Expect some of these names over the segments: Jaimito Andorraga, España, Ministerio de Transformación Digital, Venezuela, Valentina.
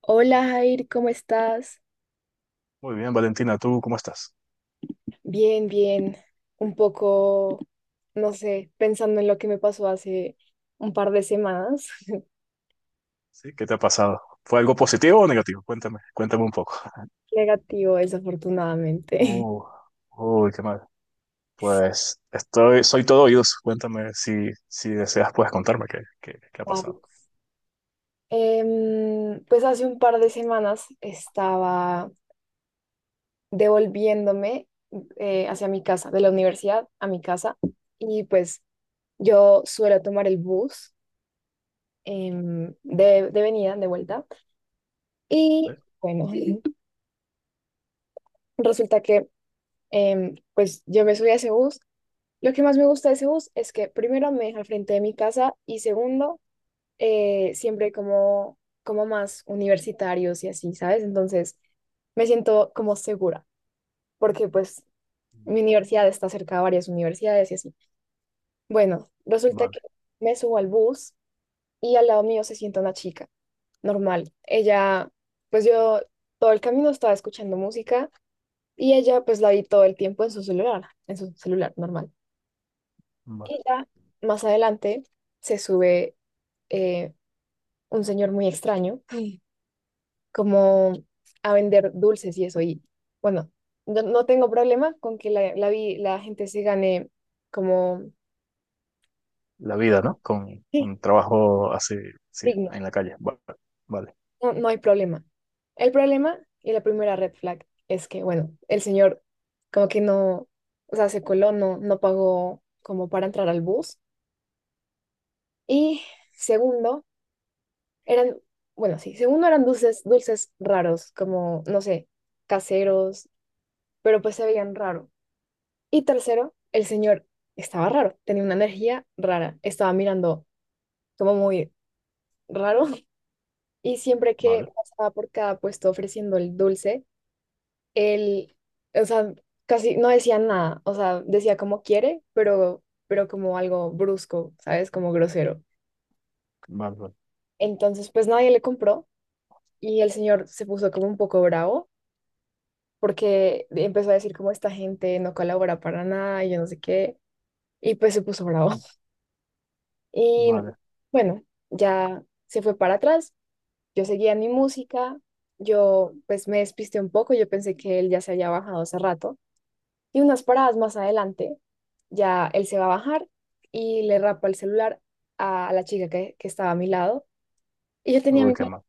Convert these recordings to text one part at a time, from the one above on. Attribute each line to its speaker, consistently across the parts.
Speaker 1: Hola Jair, ¿cómo estás?
Speaker 2: Muy bien, Valentina, ¿tú cómo estás?
Speaker 1: Bien, bien. Un poco, no sé, pensando en lo que me pasó hace un par de semanas.
Speaker 2: ¿Sí? ¿Qué te ha pasado? ¿Fue algo positivo o negativo? Cuéntame, cuéntame un poco.
Speaker 1: Negativo, desafortunadamente.
Speaker 2: Uh, uy, qué mal. Pues soy todo oídos. Cuéntame si deseas, puedes contarme qué ha
Speaker 1: Wow.
Speaker 2: pasado.
Speaker 1: Pues hace un par de semanas estaba devolviéndome, hacia mi casa, de la universidad a mi casa, y pues yo suelo tomar el bus, de venida, de vuelta. Y
Speaker 2: ¿Vale?
Speaker 1: bueno, resulta que, pues yo me subí a ese bus. Lo que más me gusta de ese bus es que, primero, me deja al frente de mi casa y, segundo, siempre hay como más universitarios y así, ¿sabes? Entonces me siento como segura porque pues mi
Speaker 2: Vale,
Speaker 1: universidad está cerca de varias universidades y así. Bueno, resulta
Speaker 2: vale,
Speaker 1: que me subo al bus y al lado mío se sienta una chica, normal. Ella, pues yo todo el camino estaba escuchando música y ella pues la vi todo el tiempo en su celular, en su celular, normal.
Speaker 2: vale.
Speaker 1: Y ya más adelante se sube, eh, un señor muy extraño, sí, como a vender dulces y eso. Y bueno, no no tengo problema con que la gente se gane, como,
Speaker 2: La vida, ¿no? Con,
Speaker 1: sí,
Speaker 2: con trabajo así, sí,
Speaker 1: digno.
Speaker 2: en la calle. Vale, vale,
Speaker 1: No, no hay problema. El problema y la primera red flag es que, bueno, el señor como que no, o sea, se coló, no pagó como para entrar al bus. Y segundo, eran, bueno, sí, según no eran dulces, dulces raros, como, no sé, caseros, pero pues se veían raro. Y tercero, el señor estaba raro, tenía una energía rara, estaba mirando como muy raro, y siempre que
Speaker 2: vale,
Speaker 1: pasaba por cada puesto ofreciendo el dulce, él, o sea, casi no decía nada, o sea, decía como quiere, pero como algo brusco, ¿sabes? Como grosero.
Speaker 2: vale, vale.
Speaker 1: Entonces, pues nadie le compró y el señor se puso como un poco bravo porque empezó a decir como esta gente no colabora para nada y yo no sé qué, y pues se puso bravo. Y
Speaker 2: Vale.
Speaker 1: bueno, ya se fue para atrás, yo seguía en mi música, yo pues me despisté un poco, yo pensé que él ya se había bajado hace rato, y unas paradas más adelante, ya él se va a bajar y le rapa el celular a la chica que estaba a mi lado, y
Speaker 2: Uy, qué mal.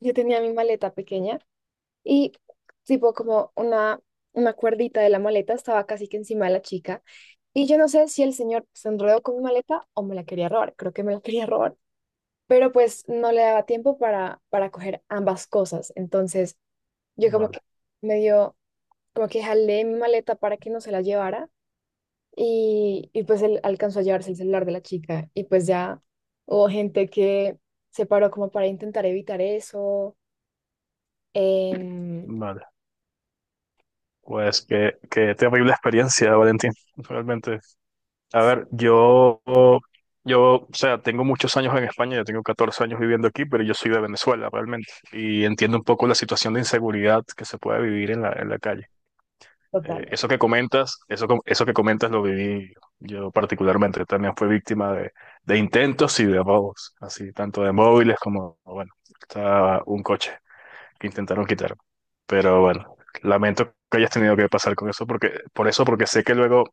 Speaker 1: yo tenía mi maleta pequeña. Y tipo como una cuerdita de la maleta estaba casi que encima de la chica. Y yo no sé si el señor se enredó con mi maleta o me la quería robar. Creo que me la quería robar. Pero pues no le daba tiempo para coger ambas cosas. Entonces yo como que,
Speaker 2: Vale,
Speaker 1: medio, como que jalé mi maleta para que no se la llevara. Y pues él alcanzó a llevarse el celular de la chica. Y pues ya hubo gente que se paró como para intentar evitar eso. em,
Speaker 2: vale. Pues qué, qué, terrible experiencia, Valentín. Realmente. A ver, yo, o sea, tengo muchos años en España, yo tengo 14 años viviendo aquí, pero yo soy de Venezuela realmente y entiendo un poco la situación de inseguridad que se puede vivir en la, calle.
Speaker 1: Total.
Speaker 2: Eso que comentas, eso, com- eso que comentas lo viví yo, particularmente, también fui víctima de intentos y de robos, así, tanto de móviles como, bueno, estaba un coche que intentaron quitarme. Pero bueno, lamento que hayas tenido que pasar con eso, porque, por eso, porque sé que luego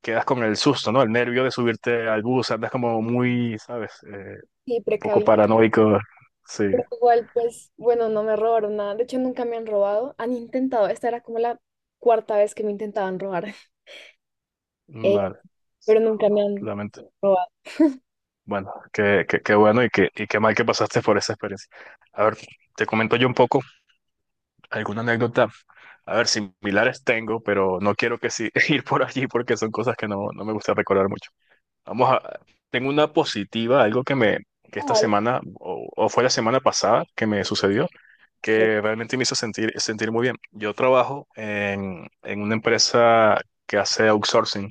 Speaker 2: quedas con el susto, ¿no? El nervio de subirte al bus, andas como muy, ¿sabes?
Speaker 1: Sí,
Speaker 2: Poco
Speaker 1: precavido.
Speaker 2: paranoico. Sí,
Speaker 1: Pero igual, pues, bueno, no me robaron nada. De hecho, nunca me han robado. Han intentado, esta era como la cuarta vez que me intentaban robar, eh,
Speaker 2: vale. Sí,
Speaker 1: pero nunca me han
Speaker 2: lamento.
Speaker 1: robado.
Speaker 2: Bueno, qué bueno y qué mal que pasaste por esa experiencia. A ver, te comento yo un poco alguna anécdota. A ver, similares tengo, pero no quiero que sí, ir por allí porque son cosas que no, no me gusta recordar mucho. Vamos a, tengo una positiva, algo que esta
Speaker 1: Ay,
Speaker 2: semana, o fue la semana pasada que me sucedió.
Speaker 1: qué
Speaker 2: Que realmente me hizo sentir muy bien. Yo trabajo en una empresa que hace outsourcing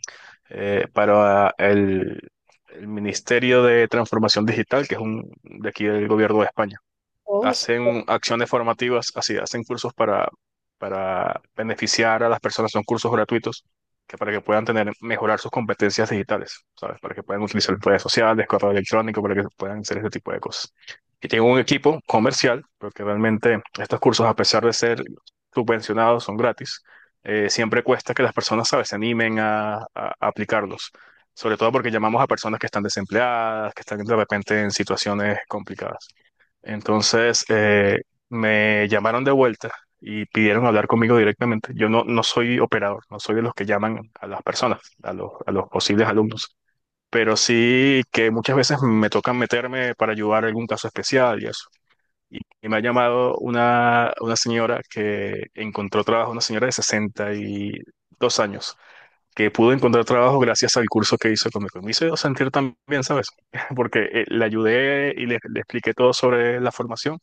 Speaker 2: para el Ministerio de Transformación Digital, que es un de aquí del gobierno de España.
Speaker 1: cosa.
Speaker 2: Hacen acciones formativas, así, hacen cursos para beneficiar a las personas, son cursos gratuitos, que para que puedan tener, mejorar sus competencias digitales, ¿sabes? Para que puedan utilizar redes sociales, correo electrónico, para que puedan hacer este tipo de cosas. Y tengo un equipo comercial, porque realmente estos cursos, a pesar de ser subvencionados, son gratis. Eh, siempre cuesta que las personas, ¿sabes?, se animen a, a aplicarlos. Sobre todo porque llamamos a personas que están desempleadas, que están de repente en situaciones complicadas. Entonces me llamaron de vuelta y pidieron hablar conmigo directamente. Yo no soy operador, no soy de los que llaman a las personas, a los, posibles alumnos, pero sí que muchas veces me toca meterme para ayudar a algún caso especial y eso. Y me ha llamado una señora que encontró trabajo, una señora de 62 años, que pudo encontrar trabajo gracias al curso que hizo conmigo. Me hizo sentir también, ¿sabes? Porque le ayudé y le expliqué todo sobre la formación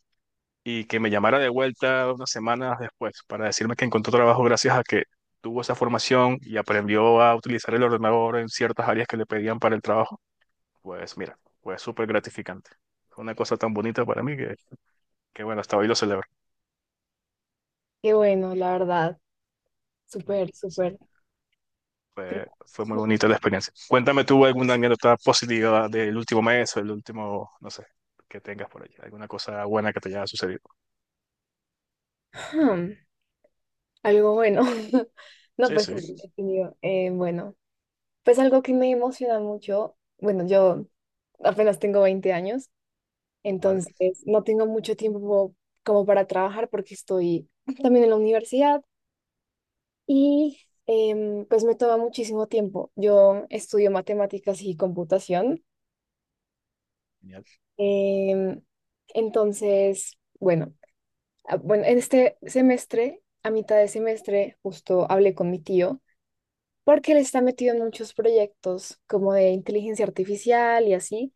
Speaker 2: y que me llamara de vuelta unas semanas después para decirme que encontró trabajo gracias a que tuvo esa formación y aprendió a utilizar el ordenador en ciertas áreas que le pedían para el trabajo, pues mira, fue súper gratificante. Fue una cosa tan bonita para mí que, hasta hoy lo celebro.
Speaker 1: Qué bueno, la verdad.
Speaker 2: Mm,
Speaker 1: Súper,
Speaker 2: sí,
Speaker 1: súper. Pero,
Speaker 2: fue muy bonita la experiencia. Cuéntame tú alguna anécdota positiva del último mes o el último, no sé, que tengas por allí, alguna cosa buena que te haya sucedido.
Speaker 1: ujú, algo bueno. No,
Speaker 2: Sí,
Speaker 1: pues sí,
Speaker 2: sí,
Speaker 1: he tenido, bueno, pues algo que me emociona mucho. Bueno, yo apenas tengo 20 años,
Speaker 2: vale,
Speaker 1: entonces no tengo mucho tiempo como para trabajar porque estoy también en la universidad. Y pues me toma muchísimo tiempo. Yo estudio matemáticas y computación.
Speaker 2: genial,
Speaker 1: em, entonces, bueno, bueno, en este semestre, a mitad de semestre, justo hablé con mi tío porque él está metido en muchos proyectos como de inteligencia artificial y así.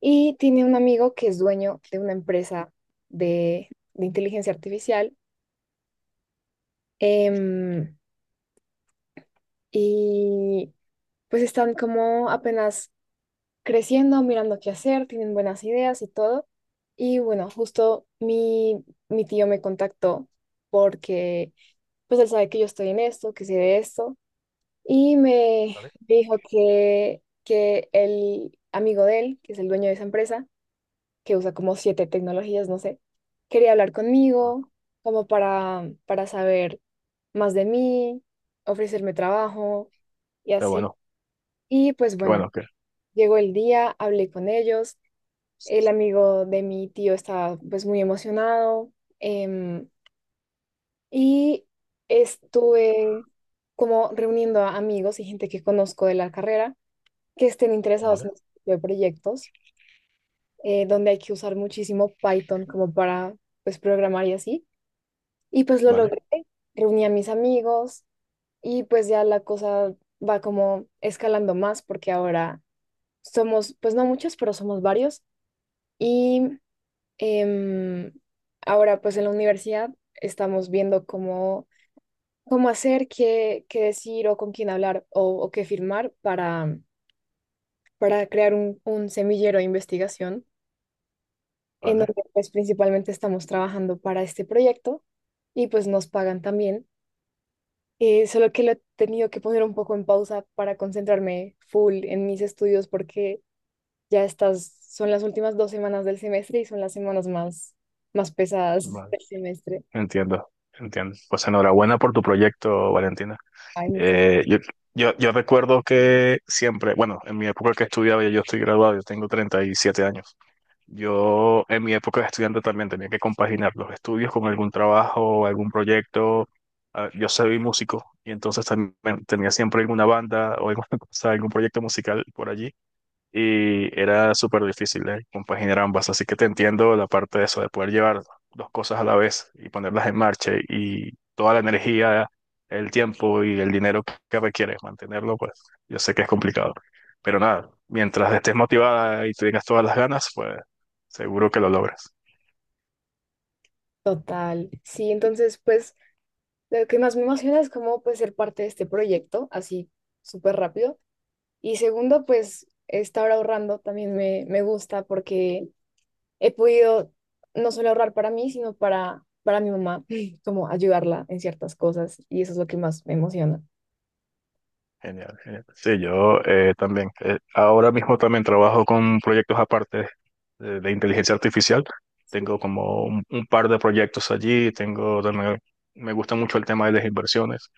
Speaker 1: Y tiene un amigo que es dueño de una empresa de inteligencia artificial. em, y pues están como apenas creciendo, mirando qué hacer, tienen buenas ideas y todo. Y bueno, justo mi tío me contactó porque pues él sabe que yo estoy en esto, que sé de esto, y me
Speaker 2: vale.
Speaker 1: dijo que el amigo de él, que es el dueño de esa empresa, que usa como siete tecnologías, no sé, quería hablar
Speaker 2: Vale.
Speaker 1: conmigo como para saber más de mí, ofrecerme trabajo y
Speaker 2: Qué
Speaker 1: así.
Speaker 2: bueno,
Speaker 1: Y pues
Speaker 2: qué
Speaker 1: bueno,
Speaker 2: bueno, que
Speaker 1: llegó el día, hablé con ellos, el amigo de mi tío estaba pues muy emocionado, em, y estuve como reuniendo a amigos y gente que conozco de la carrera que estén interesados
Speaker 2: vale,
Speaker 1: en este tipo de proyectos, donde hay que usar muchísimo Python como para pues programar y así. Y pues lo
Speaker 2: vale,
Speaker 1: logré, reuní a mis amigos y pues ya la cosa va como escalando más porque ahora somos pues no muchos, pero somos varios. Y Em, ahora, pues en la universidad estamos viendo cómo, cómo hacer, qué, qué decir o con quién hablar o qué firmar para crear un semillero de investigación en
Speaker 2: vale.
Speaker 1: donde pues principalmente estamos trabajando para este proyecto y pues nos pagan también. Solo que lo he tenido que poner un poco en pausa para concentrarme full en mis estudios porque ya estas son las últimas 2 semanas del semestre y son las semanas más pesadas
Speaker 2: Vale,
Speaker 1: del semestre.
Speaker 2: entiendo, entiendo. Pues enhorabuena por tu proyecto, Valentina.
Speaker 1: Hay muchas.
Speaker 2: Eh, yo, yo recuerdo que siempre, bueno, en mi época que estudiaba, yo estoy graduado, yo tengo 37 años. Yo en mi época de estudiante también tenía que compaginar los estudios con algún trabajo, algún proyecto. Ah, yo soy músico y entonces también tenía siempre alguna banda o alguna cosa, algún proyecto musical por allí y era súper difícil de compaginar ambas, así que te entiendo la parte de eso, de poder llevar dos cosas a la vez y ponerlas en marcha y toda la energía, el tiempo y el dinero que requieres mantenerlo, pues yo sé que es complicado, pero nada, mientras estés motivada y tengas todas las ganas, pues seguro que lo logras.
Speaker 1: Total, sí, entonces pues lo que más me emociona es cómo pues ser parte de este proyecto, así súper rápido. Y segundo, pues estar ahorrando también me gusta porque he podido no solo ahorrar para mí, sino para mi mamá, como ayudarla en ciertas cosas y eso es lo que más me emociona.
Speaker 2: Genial, genial. Sí, yo también. Ahora mismo también trabajo con proyectos aparte de inteligencia artificial. Tengo como un par de proyectos allí, tengo también, me gusta mucho el tema de las inversiones.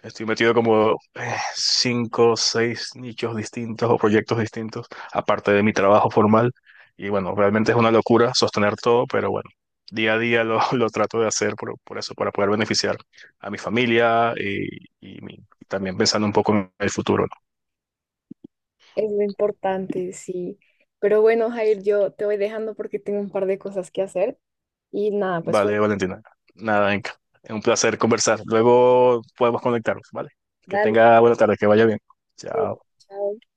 Speaker 2: Estoy metido como cinco o seis nichos distintos o proyectos distintos, aparte de mi trabajo formal. Y bueno, realmente es una locura sostener todo, pero bueno, día a día lo, lo trato de hacer por eso, para poder beneficiar a mi familia y también pensando un poco en el futuro.
Speaker 1: Es lo importante, sí. Pero bueno, Jair, yo te voy dejando porque tengo un par de cosas que hacer y nada, pues fue,
Speaker 2: Vale, Valentina. Nada, Inca. Es un placer conversar. Luego podemos conectarnos, ¿vale? Que
Speaker 1: dale,
Speaker 2: tenga buena tarde, que vaya bien. Chao.
Speaker 1: chao.